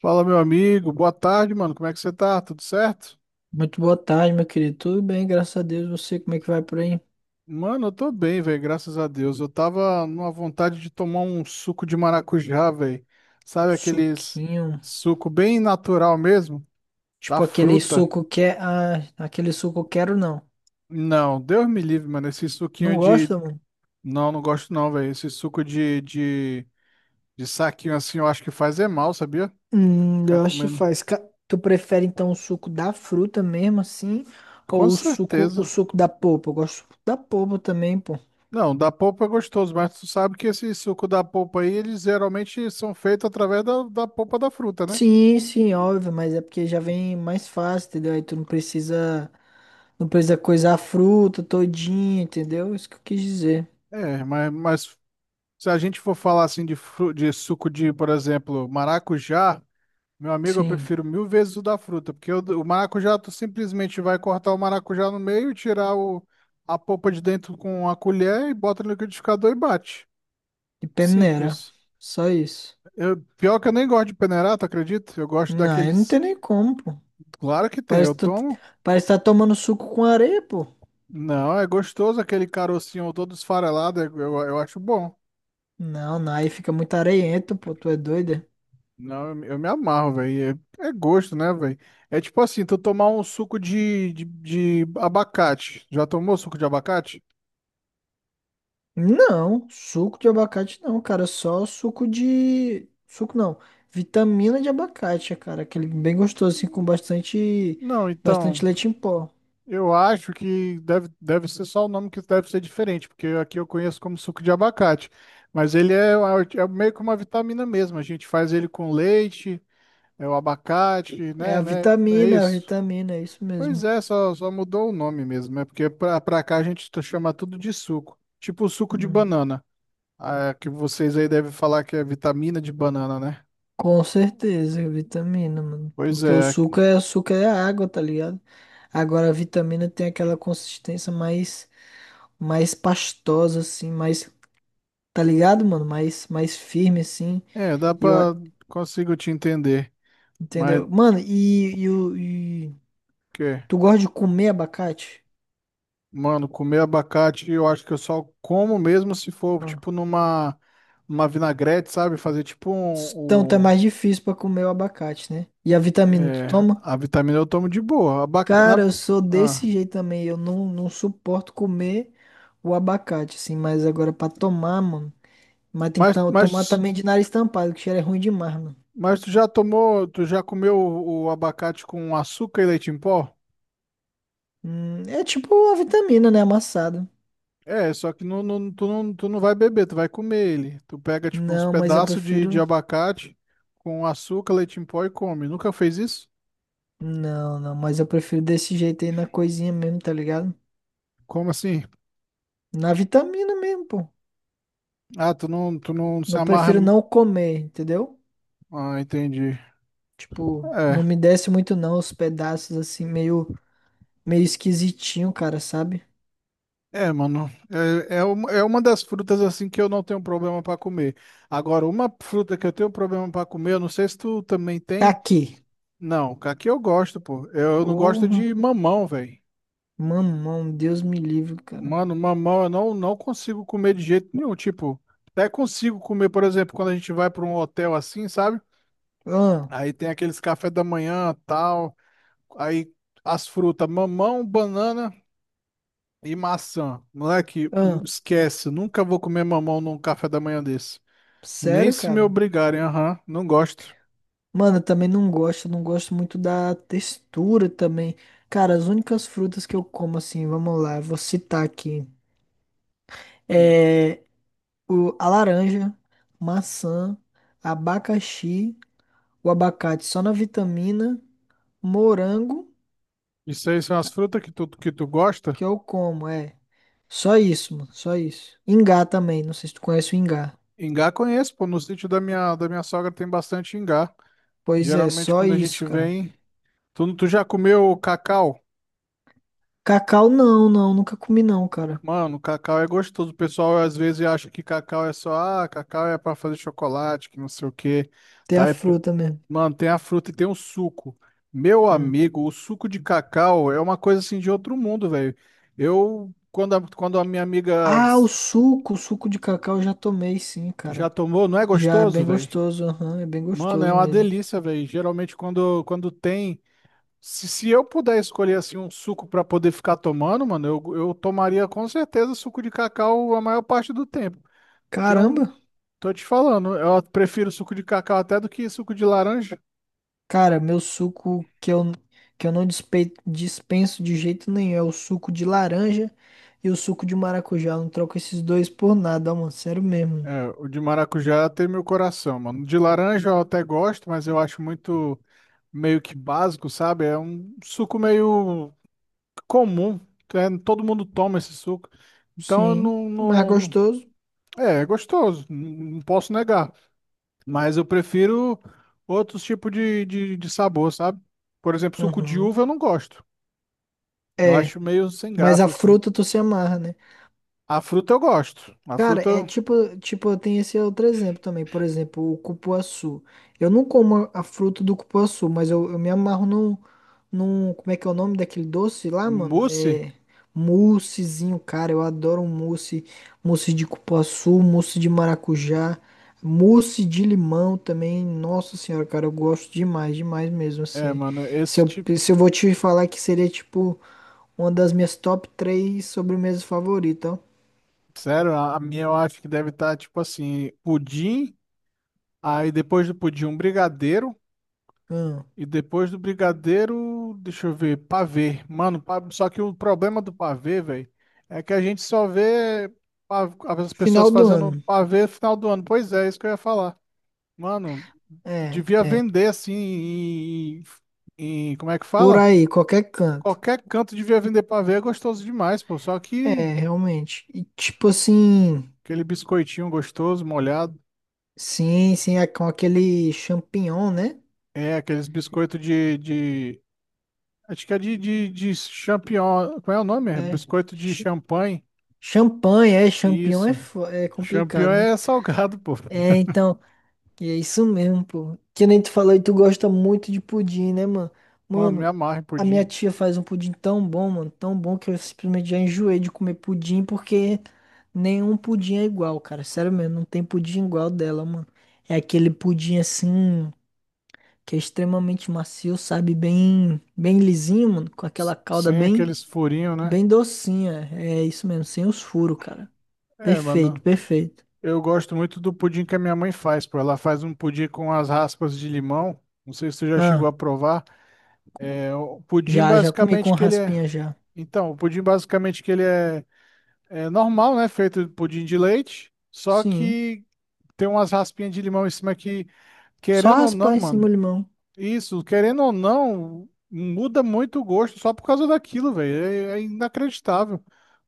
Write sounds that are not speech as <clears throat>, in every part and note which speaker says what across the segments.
Speaker 1: Fala, meu amigo. Boa tarde, mano. Como é que você tá? Tudo certo?
Speaker 2: Muito boa tarde, meu querido. Tudo bem, graças a Deus. Você, como é que vai por aí?
Speaker 1: Mano, eu tô bem, velho. Graças a Deus. Eu tava numa vontade de tomar um suco de maracujá, velho. Sabe aqueles
Speaker 2: Suquinho.
Speaker 1: suco bem natural mesmo? Da
Speaker 2: Tipo aquele
Speaker 1: fruta.
Speaker 2: suco que é. Ah, aquele suco eu quero não.
Speaker 1: Não, Deus me livre, mano. Esse suquinho
Speaker 2: Não
Speaker 1: de.
Speaker 2: gosta, mano?
Speaker 1: Não, não gosto não, velho. Esse suco de saquinho assim, eu acho que faz é mal, sabia? Ficar
Speaker 2: Eu acho que
Speaker 1: comendo.
Speaker 2: faz. Ca- Tu prefere então o suco da fruta mesmo, assim?
Speaker 1: Com
Speaker 2: Ou o
Speaker 1: certeza.
Speaker 2: suco da polpa? Eu gosto do suco da polpa também, pô.
Speaker 1: Não, da polpa é gostoso, mas tu sabe que esse suco da polpa aí, eles geralmente são feitos através da polpa da fruta, né?
Speaker 2: Sim, sim, óbvio, mas é porque já vem mais fácil, entendeu? Aí tu não precisa. Não precisa coisar a fruta todinha, entendeu? Isso que eu quis dizer.
Speaker 1: É, mas se a gente for falar assim de, de suco de, por exemplo, maracujá, meu amigo, eu
Speaker 2: Sim.
Speaker 1: prefiro mil vezes o da fruta, porque o maracujá, tu simplesmente vai cortar o maracujá no meio, tirar o, a polpa de dentro com a colher e bota no liquidificador e bate.
Speaker 2: E peneira.
Speaker 1: Simples.
Speaker 2: Só isso.
Speaker 1: Eu, pior que eu nem gosto de peneira, tu acredita? Eu gosto
Speaker 2: Não, aí não
Speaker 1: daqueles.
Speaker 2: tem nem como, pô.
Speaker 1: Claro que tem,
Speaker 2: Parece
Speaker 1: eu
Speaker 2: que tu,
Speaker 1: tomo.
Speaker 2: parece que tá tomando suco com areia, pô.
Speaker 1: Não, é gostoso aquele carocinho todo esfarelado, eu acho bom.
Speaker 2: Não, não, aí fica muito areiento, pô. Tu é doida?
Speaker 1: Não, eu me amarro, velho. É, é gosto, né, velho? É tipo assim, tu tomar um suco de abacate. Já tomou suco de abacate?
Speaker 2: Não, suco de abacate não, cara. Só suco de. Suco não. Vitamina de abacate, cara. Aquele bem gostoso, assim, com bastante.
Speaker 1: Não, então,
Speaker 2: Bastante leite em pó.
Speaker 1: eu acho que deve ser só o nome que deve ser diferente, porque aqui eu conheço como suco de abacate. Mas ele é, é meio que uma vitamina mesmo. A gente faz ele com leite, é o abacate,
Speaker 2: É a
Speaker 1: né? É
Speaker 2: vitamina, é a
Speaker 1: isso.
Speaker 2: vitamina, é isso
Speaker 1: Pois
Speaker 2: mesmo.
Speaker 1: é, só mudou o nome mesmo. É porque pra cá a gente chama tudo de suco. Tipo o suco de
Speaker 2: Hum.
Speaker 1: banana. Ah, que vocês aí devem falar que é vitamina de banana, né?
Speaker 2: Com certeza, vitamina, mano.
Speaker 1: Pois
Speaker 2: Porque o
Speaker 1: é.
Speaker 2: suco é água, tá ligado? Agora a vitamina tem aquela consistência mais mais pastosa assim, mais, tá ligado, mano? Mais mais firme assim.
Speaker 1: É, dá
Speaker 2: E eu, a-
Speaker 1: pra. Consigo te entender. Mas
Speaker 2: entendeu? Mano, e
Speaker 1: que.
Speaker 2: tu gosta de comer abacate?
Speaker 1: Mano, comer abacate eu acho que eu só como mesmo se for, tipo,
Speaker 2: Ah.
Speaker 1: numa. Uma vinagrete, sabe? Fazer tipo
Speaker 2: Então tá mais difícil pra comer o abacate, né? E a vitamina tu
Speaker 1: é,
Speaker 2: toma?
Speaker 1: a vitamina eu tomo de boa.
Speaker 2: Cara, eu sou
Speaker 1: Ah.
Speaker 2: desse jeito também. Eu não suporto comer o abacate, assim, mas agora pra tomar, mano. Mas tem que
Speaker 1: Mas,
Speaker 2: tam- tomar
Speaker 1: mas
Speaker 2: também de nariz tampado, que cheiro é ruim demais, mano.
Speaker 1: Mas tu já tomou, tu já comeu o abacate com açúcar e leite em pó?
Speaker 2: É tipo a vitamina, né? Amassado.
Speaker 1: É, só que tu não vai beber, tu vai comer ele. Tu pega, tipo, uns
Speaker 2: Não, mas eu
Speaker 1: pedaços de
Speaker 2: prefiro.
Speaker 1: abacate com açúcar, leite em pó e come. Nunca fez isso?
Speaker 2: Não, não, mas eu prefiro desse jeito aí na coisinha mesmo, tá ligado?
Speaker 1: Como assim?
Speaker 2: Na vitamina mesmo, pô.
Speaker 1: Ah, tu não se
Speaker 2: Eu
Speaker 1: amarra.
Speaker 2: prefiro não comer, entendeu?
Speaker 1: Ah, entendi.
Speaker 2: Tipo, não
Speaker 1: É.
Speaker 2: me desce muito não os pedaços assim, meio, meio esquisitinho, cara, sabe?
Speaker 1: É, mano, é uma das frutas assim que eu não tenho problema pra comer. Agora, uma fruta que eu tenho problema pra comer, eu não sei se tu também
Speaker 2: Tá
Speaker 1: tem.
Speaker 2: aqui.
Speaker 1: Não, aqui eu gosto, pô. Eu não gosto
Speaker 2: Porra.
Speaker 1: de mamão, velho.
Speaker 2: Mamão, Deus me livre, cara.
Speaker 1: Mano, mamão eu não consigo comer de jeito nenhum. Tipo, até consigo comer, por exemplo, quando a gente vai para um hotel assim, sabe?
Speaker 2: Ah,
Speaker 1: Aí tem aqueles café da manhã, tal. Aí as frutas, mamão, banana e maçã. Moleque,
Speaker 2: ah,
Speaker 1: esquece. Nunca vou comer mamão num café da manhã desse. Nem
Speaker 2: sério,
Speaker 1: se me
Speaker 2: cara?
Speaker 1: obrigarem, aham. Não gosto.
Speaker 2: Mano, eu também não gosto, não gosto muito da textura também. Cara, as únicas frutas que eu como assim, vamos lá, eu vou citar aqui. É o, a laranja, maçã, abacaxi, o abacate só na vitamina, morango,
Speaker 1: Isso aí são as
Speaker 2: ca-
Speaker 1: frutas que que tu gosta?
Speaker 2: que eu como, é. Só isso, mano, só isso. Ingá também, não sei se tu conhece o ingá.
Speaker 1: Ingá conheço, pô. No sítio da minha sogra tem bastante ingá.
Speaker 2: Pois é,
Speaker 1: Geralmente
Speaker 2: só
Speaker 1: quando a
Speaker 2: isso,
Speaker 1: gente
Speaker 2: cara.
Speaker 1: vem. Tu já comeu cacau?
Speaker 2: Cacau não, nunca comi não, cara.
Speaker 1: Mano, cacau é gostoso. O pessoal às vezes acha que cacau é só, ah, cacau é pra fazer chocolate, que não sei o quê.
Speaker 2: Até a
Speaker 1: Tá, é-
Speaker 2: fruta mesmo.
Speaker 1: Mano, tem a fruta e tem o suco. Meu
Speaker 2: Hum.
Speaker 1: amigo, o suco de cacau é uma coisa assim de outro mundo, velho. Eu, quando quando a minha amiga
Speaker 2: Ah, o suco de cacau eu já tomei, sim,
Speaker 1: tu
Speaker 2: cara.
Speaker 1: já tomou, não é
Speaker 2: Já é
Speaker 1: gostoso,
Speaker 2: bem
Speaker 1: velho?
Speaker 2: gostoso, aham, é bem
Speaker 1: Mano, é
Speaker 2: gostoso
Speaker 1: uma
Speaker 2: mesmo.
Speaker 1: delícia, velho. Geralmente quando tem. Se eu puder escolher assim um suco pra poder ficar tomando, mano, eu tomaria com certeza suco de cacau a maior parte do tempo. Que é um,
Speaker 2: Caramba,
Speaker 1: tô te falando, eu prefiro suco de cacau até do que suco de laranja.
Speaker 2: cara, meu suco que eu não dispe- dispenso de jeito nenhum é o suco de laranja e o suco de maracujá. Eu não troco esses dois por nada, ó, mano, sério mesmo.
Speaker 1: É, o de maracujá tem meu coração, mano. De laranja eu até gosto, mas eu acho muito meio que básico, sabe? É um suco meio comum, é, todo mundo toma esse suco. Então eu
Speaker 2: Sim, mais gostoso.
Speaker 1: é, é gostoso, não não posso negar. Mas eu prefiro outros tipos de sabor, sabe? Por exemplo, suco de
Speaker 2: Aham.
Speaker 1: uva eu não gosto. Eu
Speaker 2: É,
Speaker 1: acho meio sem
Speaker 2: mas a
Speaker 1: graça, assim.
Speaker 2: fruta tu se amarra, né?
Speaker 1: A fruta eu gosto. A
Speaker 2: Cara, é
Speaker 1: fruta
Speaker 2: tipo, tem esse outro exemplo também, por exemplo, o cupuaçu. Eu não como a fruta do cupuaçu, mas eu me amarro num, num, como é que é o nome daquele doce lá, mano?
Speaker 1: mousse,
Speaker 2: É moussezinho, cara, eu adoro um mousse, mousse de cupuaçu, mousse de maracujá, mousse de limão também. Nossa senhora, cara, eu gosto demais, demais mesmo,
Speaker 1: é,
Speaker 2: assim.
Speaker 1: mano, esse tipo.
Speaker 2: Se eu vou te falar que seria, tipo, uma das minhas top três sobremesas favoritas, ó.
Speaker 1: Sério, a minha eu acho que deve estar tipo assim: pudim, aí depois do pudim, um brigadeiro,
Speaker 2: Hum.
Speaker 1: e depois do brigadeiro, deixa eu ver, pavê. Mano, só que o problema do pavê, velho, é que a gente só vê as pessoas
Speaker 2: Final do
Speaker 1: fazendo
Speaker 2: ano.
Speaker 1: pavê no final do ano. Pois é, isso que eu ia falar. Mano,
Speaker 2: É,
Speaker 1: devia
Speaker 2: é.
Speaker 1: vender assim Como é que
Speaker 2: Por
Speaker 1: fala?
Speaker 2: aí, qualquer canto.
Speaker 1: Qualquer canto devia vender pavê, é gostoso demais, pô. Só que
Speaker 2: É, realmente. E tipo assim,
Speaker 1: aquele biscoitinho gostoso, molhado.
Speaker 2: sim, sim, é com aquele champignon, né?
Speaker 1: É, aqueles biscoitos de, de. Acho que é de champignon. Como é o nome? É
Speaker 2: É.
Speaker 1: biscoito de
Speaker 2: Ch-
Speaker 1: champanhe.
Speaker 2: Champanhe, é, champignon é,
Speaker 1: Isso.
Speaker 2: fo- é
Speaker 1: Champignon
Speaker 2: complicado, né?
Speaker 1: é salgado, pô.
Speaker 2: É, então. E é isso mesmo, pô. Que nem tu falou e tu gosta muito de pudim, né, mano?
Speaker 1: Mano, me
Speaker 2: Mano,
Speaker 1: amarre
Speaker 2: a minha
Speaker 1: pudim.
Speaker 2: tia faz um pudim tão bom, mano, tão bom que eu simplesmente já enjoei de comer pudim porque nenhum pudim é igual, cara. Sério mesmo, não tem pudim igual dela, mano. É aquele pudim assim que é extremamente macio, sabe? Bem, bem lisinho, mano, com aquela calda
Speaker 1: Sem
Speaker 2: bem,
Speaker 1: aqueles furinhos, né?
Speaker 2: bem docinha. É isso mesmo, sem os furos, cara.
Speaker 1: É,
Speaker 2: Perfeito,
Speaker 1: mano.
Speaker 2: perfeito.
Speaker 1: Eu gosto muito do pudim que a minha mãe faz, pô. Ela faz um pudim com as raspas de limão. Não sei se você já chegou
Speaker 2: Ah,
Speaker 1: a provar. É, o pudim
Speaker 2: já, já comi com
Speaker 1: basicamente que ele é.
Speaker 2: raspinha já.
Speaker 1: Então, o pudim basicamente que ele é, é normal, né? Feito de pudim de leite, só
Speaker 2: Sim.
Speaker 1: que tem umas raspinhas de limão em cima que,
Speaker 2: Só
Speaker 1: querendo ou
Speaker 2: raspar
Speaker 1: não,
Speaker 2: em cima o
Speaker 1: mano.
Speaker 2: limão.
Speaker 1: Isso, querendo ou não, muda muito o gosto só por causa daquilo, velho. É, é inacreditável.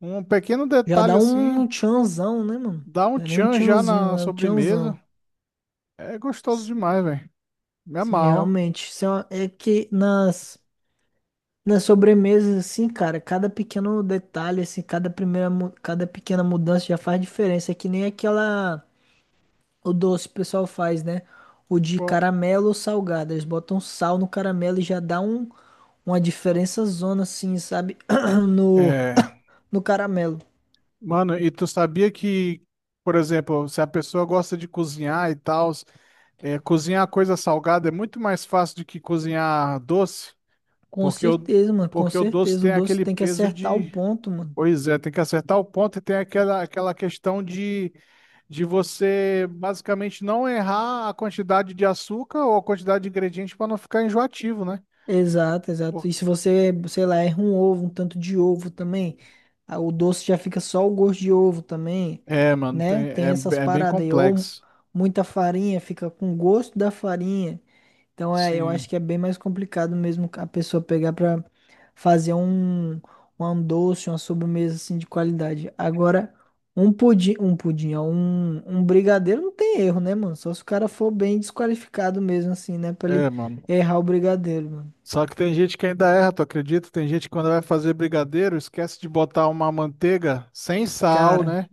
Speaker 1: Um pequeno
Speaker 2: Já
Speaker 1: detalhe
Speaker 2: dá
Speaker 1: assim
Speaker 2: um tchanzão, né, mano?
Speaker 1: dá um
Speaker 2: Não é nem um
Speaker 1: tchan já na
Speaker 2: tchanzinho, é um
Speaker 1: sobremesa.
Speaker 2: tchanzão.
Speaker 1: É gostoso
Speaker 2: S-
Speaker 1: demais, velho. Me
Speaker 2: Sim,
Speaker 1: amarro.
Speaker 2: realmente. Isso é, uma- é que nas, nas sobremesas, assim, cara, cada pequeno detalhe, assim, cada primeira, mu- cada pequena mudança já faz diferença. É que nem aquela, o doce que o pessoal faz, né? O de
Speaker 1: Co-
Speaker 2: caramelo ou salgado. Eles botam sal no caramelo e já dá um, uma diferença zona, assim, sabe? <clears throat> No,
Speaker 1: É,
Speaker 2: no caramelo.
Speaker 1: mano, e tu sabia que, por exemplo, se a pessoa gosta de cozinhar e tal, é, cozinhar coisa salgada é muito mais fácil do que cozinhar doce,
Speaker 2: Com
Speaker 1: porque
Speaker 2: certeza, mano, com
Speaker 1: porque o doce
Speaker 2: certeza. O
Speaker 1: tem
Speaker 2: doce
Speaker 1: aquele
Speaker 2: tem que
Speaker 1: peso
Speaker 2: acertar o
Speaker 1: de.
Speaker 2: ponto, mano.
Speaker 1: Pois é, tem que acertar o ponto e tem aquela questão de você basicamente não errar a quantidade de açúcar ou a quantidade de ingrediente para não ficar enjoativo, né?
Speaker 2: Exato, exato.
Speaker 1: Por-
Speaker 2: E se você, sei lá, erra um ovo, um tanto de ovo também, a- o doce já fica só o gosto de ovo também,
Speaker 1: É, mano,
Speaker 2: né? Tem essas
Speaker 1: é bem
Speaker 2: paradas aí. Ou
Speaker 1: complexo.
Speaker 2: muita farinha, fica com o gosto da farinha. Então, é, eu acho
Speaker 1: Sim,
Speaker 2: que é bem mais complicado mesmo a pessoa pegar pra fazer um, um doce, uma sobremesa assim de qualidade. Agora, um pudim, um brigadeiro não tem erro, né, mano? Só se o cara for bem desqualificado mesmo, assim, né, pra ele
Speaker 1: é, mano.
Speaker 2: errar o brigadeiro, mano.
Speaker 1: Só que tem gente que ainda erra, tu acredita? Tem gente que quando vai fazer brigadeiro esquece de botar uma manteiga sem sal,
Speaker 2: Cara,
Speaker 1: né?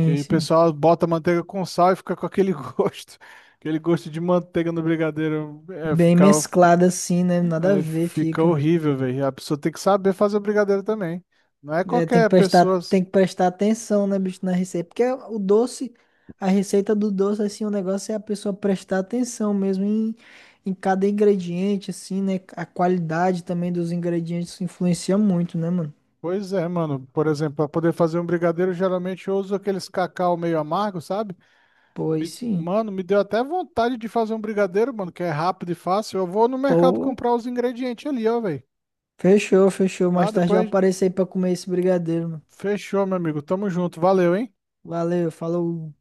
Speaker 1: Que aí o
Speaker 2: sim.
Speaker 1: pessoal bota manteiga com sal e fica com aquele <laughs> gosto, aquele gosto de manteiga no brigadeiro.
Speaker 2: Bem mesclado assim, né? Nada a
Speaker 1: É,
Speaker 2: ver,
Speaker 1: fica
Speaker 2: fica.
Speaker 1: horrível, velho. A pessoa tem que saber fazer o brigadeiro também. Não é
Speaker 2: É,
Speaker 1: qualquer pessoa.
Speaker 2: tem que prestar atenção, né, bicho, na receita. Porque o doce, a receita do doce, assim, o negócio é a pessoa prestar atenção mesmo em, em cada ingrediente, assim, né? A qualidade também dos ingredientes influencia muito, né, mano?
Speaker 1: Pois é, mano. Por exemplo, para poder fazer um brigadeiro, geralmente eu uso aqueles cacau meio amargo, sabe?
Speaker 2: Pois sim.
Speaker 1: Mano, me deu até vontade de fazer um brigadeiro, mano, que é rápido e fácil. Eu vou no mercado
Speaker 2: Pô,
Speaker 1: comprar os ingredientes ali, ó, velho.
Speaker 2: fechou, fechou.
Speaker 1: Tá?
Speaker 2: Mais tarde eu
Speaker 1: Depois
Speaker 2: apareço aí pra comer esse brigadeiro, mano.
Speaker 1: fechou, meu amigo. Tamo junto. Valeu, hein?
Speaker 2: Valeu, falou.